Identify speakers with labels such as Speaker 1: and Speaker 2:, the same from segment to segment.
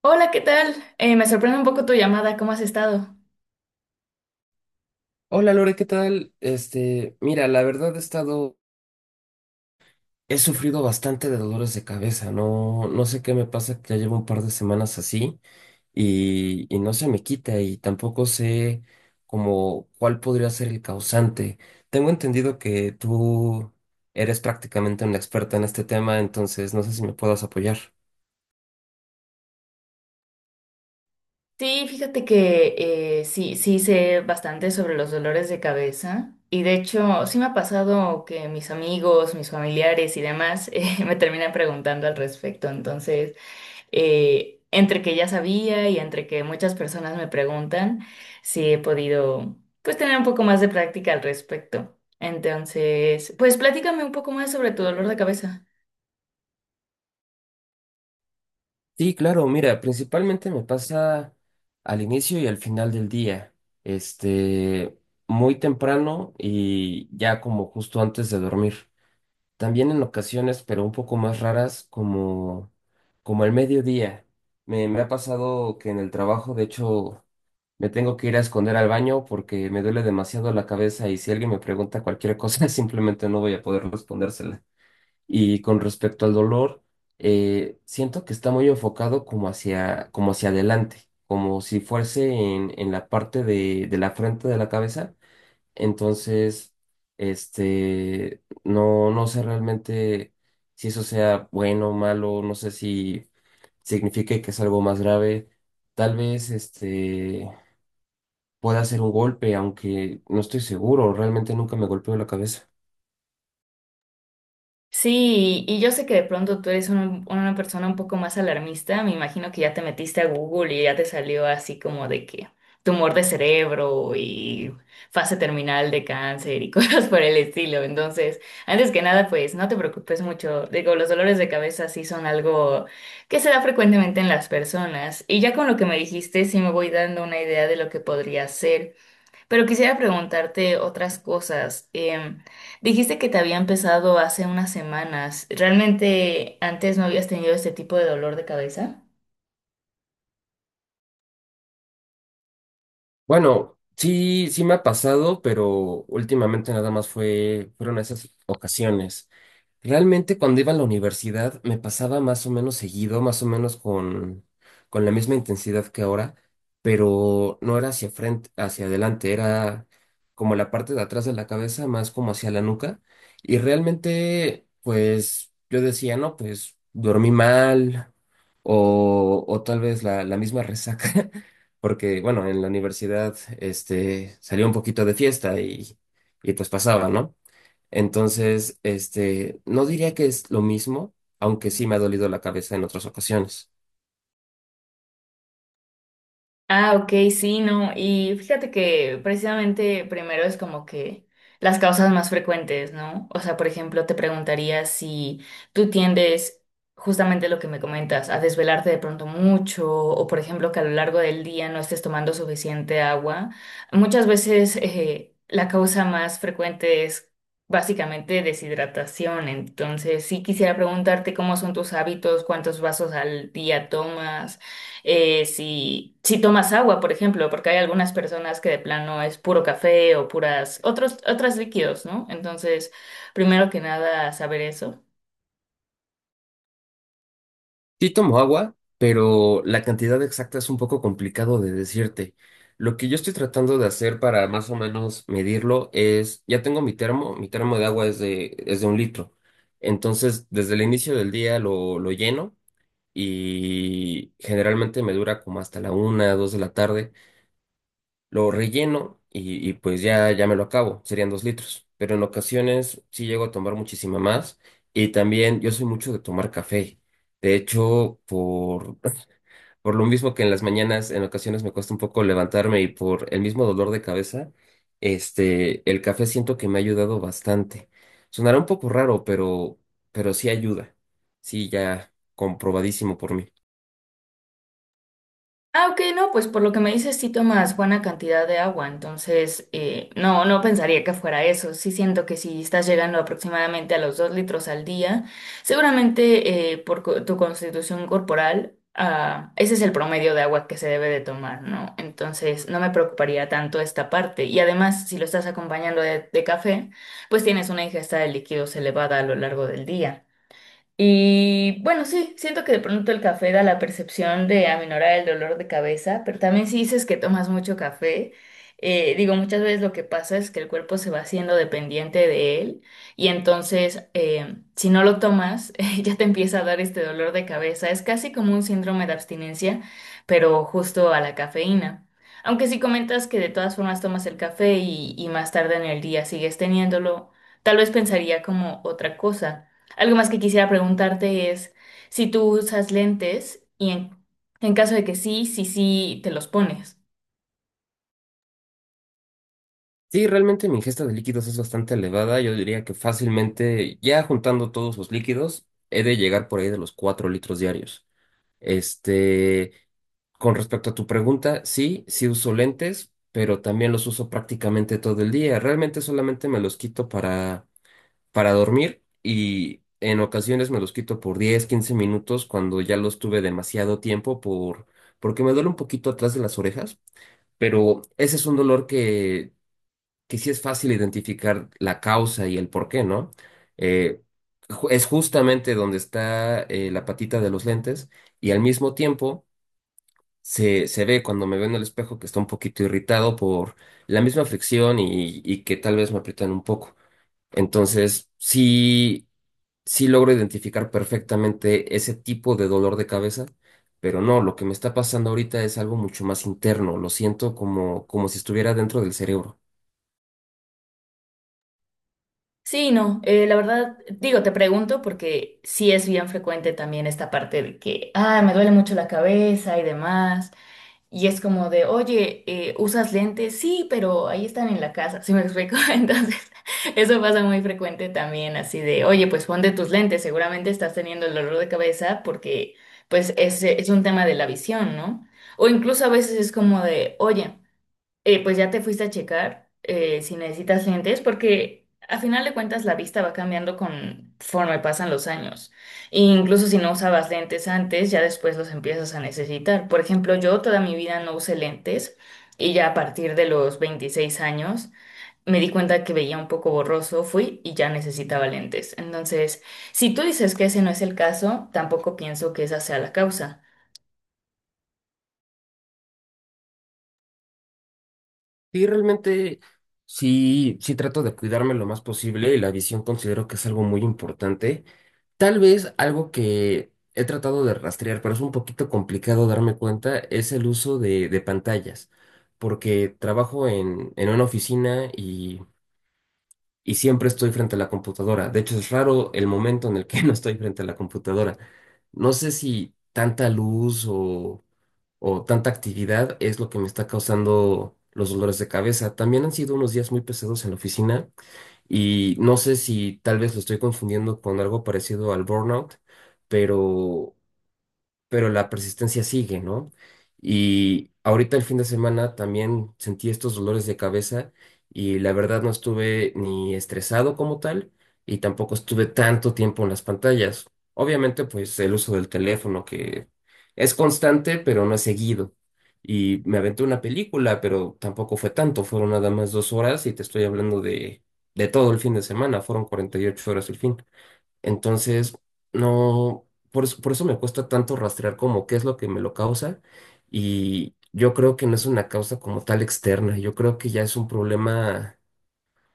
Speaker 1: Hola, ¿qué tal? Me sorprende un poco tu llamada, ¿cómo has estado?
Speaker 2: Hola Lore, ¿qué tal? Mira, la verdad he sufrido bastante de dolores de cabeza, no, no sé qué me pasa que ya llevo un par de semanas así y no se me quita y tampoco sé como cuál podría ser el causante. Tengo entendido que tú eres prácticamente una experta en este tema, entonces no sé si me puedas apoyar.
Speaker 1: Sí, fíjate que sí, sí sé bastante sobre los dolores de cabeza y de hecho sí me ha pasado que mis amigos, mis familiares y demás me terminan preguntando al respecto. Entonces, entre que ya sabía y entre que muchas personas me preguntan, sí he podido pues tener un poco más de práctica al respecto. Entonces, pues platícame un poco más sobre tu dolor de cabeza.
Speaker 2: Sí, claro, mira, principalmente me pasa al inicio y al final del día, este, muy temprano y ya como justo antes de dormir. También en ocasiones, pero un poco más raras, como el mediodía. Me ha pasado que en el trabajo, de hecho, me tengo que ir a esconder al baño porque me duele demasiado la cabeza y si alguien me pregunta cualquier cosa, simplemente no voy a poder respondérsela. Y con respecto al dolor, siento que está muy enfocado como hacia adelante, como si fuese en la parte de la frente de la cabeza. Entonces, no, no sé realmente si eso sea bueno o malo, no sé si signifique que es algo más grave. Tal vez, pueda ser un golpe, aunque no estoy seguro, realmente nunca me golpeó la cabeza.
Speaker 1: Sí, y yo sé que de pronto tú eres una persona un poco más alarmista. Me imagino que ya te metiste a Google y ya te salió así como de que tumor de cerebro y fase terminal de cáncer y cosas por el estilo. Entonces, antes que nada, pues no te preocupes mucho. Digo, los dolores de cabeza sí son algo que se da frecuentemente en las personas. Y ya con lo que me dijiste, sí me voy dando una idea de lo que podría ser. Pero quisiera preguntarte otras cosas. Dijiste que te había empezado hace unas semanas. ¿Realmente antes no habías tenido este tipo de dolor de cabeza?
Speaker 2: Bueno, sí, sí me ha pasado, pero últimamente nada más fueron esas ocasiones. Realmente cuando iba a la universidad me pasaba más o menos seguido, más o menos con la misma intensidad que ahora, pero no era hacia frente, hacia adelante, era como la parte de atrás de la cabeza, más como hacia la nuca. Y realmente, pues yo decía, no, pues dormí mal o tal vez la misma resaca. Porque, bueno, en la universidad, salía un poquito de fiesta y pues pasaba, ¿no? Entonces, no diría que es lo mismo, aunque sí me ha dolido la cabeza en otras ocasiones.
Speaker 1: Ah, ok, sí, no. Y fíjate que precisamente primero es como que las causas más frecuentes, ¿no? O sea, por ejemplo, te preguntaría si tú tiendes justamente lo que me comentas, a desvelarte de pronto mucho, o por ejemplo que a lo largo del día no estés tomando suficiente agua. Muchas veces la causa más frecuente es básicamente deshidratación. Entonces, sí quisiera preguntarte cómo son tus hábitos, cuántos vasos al día tomas, si, si tomas agua, por ejemplo, porque hay algunas personas que de plano es puro café o puras, otros, otros líquidos, ¿no? Entonces, primero que nada, saber eso.
Speaker 2: Sí tomo agua, pero la cantidad exacta es un poco complicado de decirte. Lo que yo estoy tratando de hacer para más o menos medirlo es, ya tengo mi termo de agua es de un litro. Entonces, desde el inicio del día lo lleno y generalmente me dura como hasta la una, dos de la tarde. Lo relleno y pues ya, ya me lo acabo, serían 2 litros. Pero en ocasiones sí llego a tomar muchísima más y también yo soy mucho de tomar café. De hecho, por lo mismo que en las mañanas en ocasiones me cuesta un poco levantarme y por el mismo dolor de cabeza, el café siento que me ha ayudado bastante. Sonará un poco raro, pero sí ayuda. Sí, ya comprobadísimo por mí.
Speaker 1: Ah, ok, no, pues por lo que me dices sí tomas buena cantidad de agua, entonces no, no pensaría que fuera eso. Sí siento que si estás llegando aproximadamente a los 2 litros al día, seguramente por tu constitución corporal, ah, ese es el promedio de agua que se debe de tomar, ¿no? Entonces no me preocuparía tanto esta parte. Y además, si lo estás acompañando de café, pues tienes una ingesta de líquidos elevada a lo largo del día. Y bueno, sí, siento que de pronto el café da la percepción de aminorar el dolor de cabeza, pero también si dices que tomas mucho café, digo, muchas veces lo que pasa es que el cuerpo se va haciendo dependiente de él y entonces, si no lo tomas, ya te empieza a dar este dolor de cabeza. Es casi como un síndrome de abstinencia, pero justo a la cafeína. Aunque si comentas que de todas formas tomas el café y más tarde en el día sigues teniéndolo, tal vez pensaría como otra cosa. Algo más que quisiera preguntarte es si tú usas lentes y en caso de que sí, sí, sí, te los pones.
Speaker 2: Sí, realmente mi ingesta de líquidos es bastante elevada. Yo diría que fácilmente, ya juntando todos los líquidos, he de llegar por ahí de los 4 litros diarios. Este, con respecto a tu pregunta, sí, sí uso lentes, pero también los uso prácticamente todo el día. Realmente solamente me los quito para dormir y en ocasiones me los quito por 10, 15 minutos cuando ya los tuve demasiado tiempo porque me duele un poquito atrás de las orejas, pero ese es un dolor que sí es fácil identificar la causa y el por qué, ¿no? Eh, es justamente donde está la patita de los lentes y al mismo tiempo se ve cuando me veo en el espejo que está un poquito irritado por la misma fricción y que tal vez me aprietan un poco. Entonces, sí, sí logro identificar perfectamente ese tipo de dolor de cabeza. Pero no, lo que me está pasando ahorita es algo mucho más interno, lo siento como si estuviera dentro del cerebro.
Speaker 1: Sí, no, la verdad, digo, te pregunto porque sí es bien frecuente también esta parte de que, ah, me duele mucho la cabeza y demás. Y es como de, oye, ¿usas lentes? Sí, pero ahí están en la casa, ¿sí me explico? Entonces, eso pasa muy frecuente también, así de, oye, pues pon de tus lentes, seguramente estás teniendo el dolor de cabeza porque, pues, es un tema de la visión, ¿no? O incluso a veces es como de, oye, pues ya te fuiste a checar si necesitas lentes, porque a final de cuentas la vista va cambiando conforme pasan los años. E incluso si no usabas lentes antes, ya después los empiezas a necesitar. Por ejemplo, yo toda mi vida no usé lentes y ya a partir de los 26 años me di cuenta que veía un poco borroso, fui y ya necesitaba lentes. Entonces, si tú dices que ese no es el caso, tampoco pienso que esa sea la causa.
Speaker 2: Sí, realmente sí, sí trato de cuidarme lo más posible y la visión considero que es algo muy importante. Tal vez algo que he tratado de rastrear, pero es un poquito complicado darme cuenta, es el uso de pantallas, porque trabajo en una oficina y siempre estoy frente a la computadora. De hecho, es raro el momento en el que no estoy frente a la computadora. No sé si tanta luz o tanta actividad es lo que me está causando los dolores de cabeza. También han sido unos días muy pesados en la oficina y no sé si tal vez lo estoy confundiendo con algo parecido al burnout, pero pero la persistencia sigue, ¿no? Y ahorita el fin de semana también sentí estos dolores de cabeza y la verdad no estuve ni estresado como tal y tampoco estuve tanto tiempo en las pantallas. Obviamente, pues el uso del teléfono que es constante, pero no es seguido. Y me aventé una película, pero tampoco fue tanto, fueron nada más 2 horas y te estoy hablando de todo el fin de semana, fueron 48 horas el fin. Entonces, no, por eso me cuesta tanto rastrear como qué es lo que me lo causa y yo creo que no es una causa como tal externa, yo creo que ya es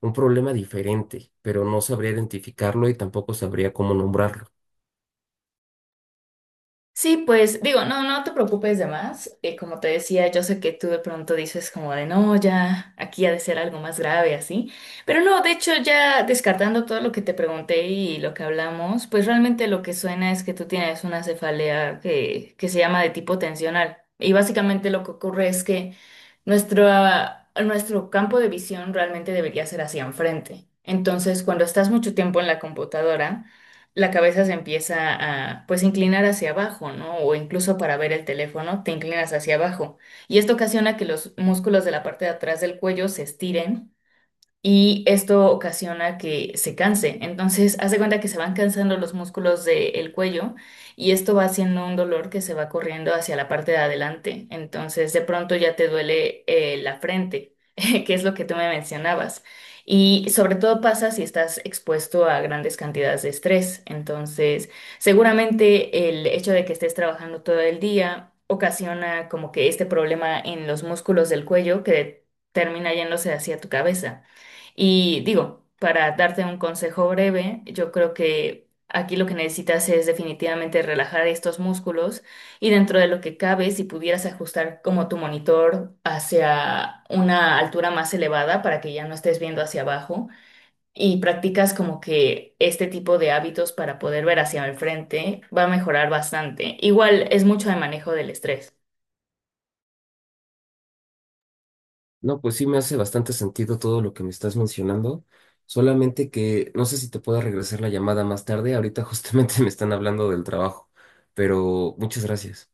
Speaker 2: un problema diferente, pero no sabría identificarlo y tampoco sabría cómo nombrarlo.
Speaker 1: Sí, pues digo, no, no te preocupes de más. Como te decía, yo sé que tú de pronto dices como de no, ya aquí ha de ser algo más grave así. Pero no, de hecho ya descartando todo lo que te pregunté y lo que hablamos, pues realmente lo que suena es que tú tienes una cefalea que se llama de tipo tensional. Y básicamente lo que ocurre es que nuestra, nuestro campo de visión realmente debería ser hacia enfrente. Entonces, cuando estás mucho tiempo en la computadora, la cabeza se empieza a pues inclinar hacia abajo, ¿no? O incluso para ver el teléfono te inclinas hacia abajo. Y esto ocasiona que los músculos de la parte de atrás del cuello se estiren y esto ocasiona que se canse. Entonces, haz de cuenta que se van cansando los músculos del cuello y esto va haciendo un dolor que se va corriendo hacia la parte de adelante. Entonces, de pronto ya te duele, la frente, que es lo que tú me mencionabas. Y sobre todo pasa si estás expuesto a grandes cantidades de estrés. Entonces, seguramente el hecho de que estés trabajando todo el día ocasiona como que este problema en los músculos del cuello que termina yéndose hacia tu cabeza. Y digo, para darte un consejo breve, yo creo que aquí lo que necesitas es definitivamente relajar estos músculos y dentro de lo que cabe, si pudieras ajustar como tu monitor hacia una altura más elevada para que ya no estés viendo hacia abajo y practicas como que este tipo de hábitos para poder ver hacia el frente va a mejorar bastante. Igual es mucho de manejo del estrés.
Speaker 2: No, pues sí me hace bastante sentido todo lo que me estás mencionando, solamente que no sé si te pueda regresar la llamada más tarde, ahorita justamente me están hablando del trabajo, pero muchas gracias.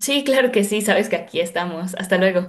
Speaker 1: Sí, claro que sí, sabes que aquí estamos. Hasta luego.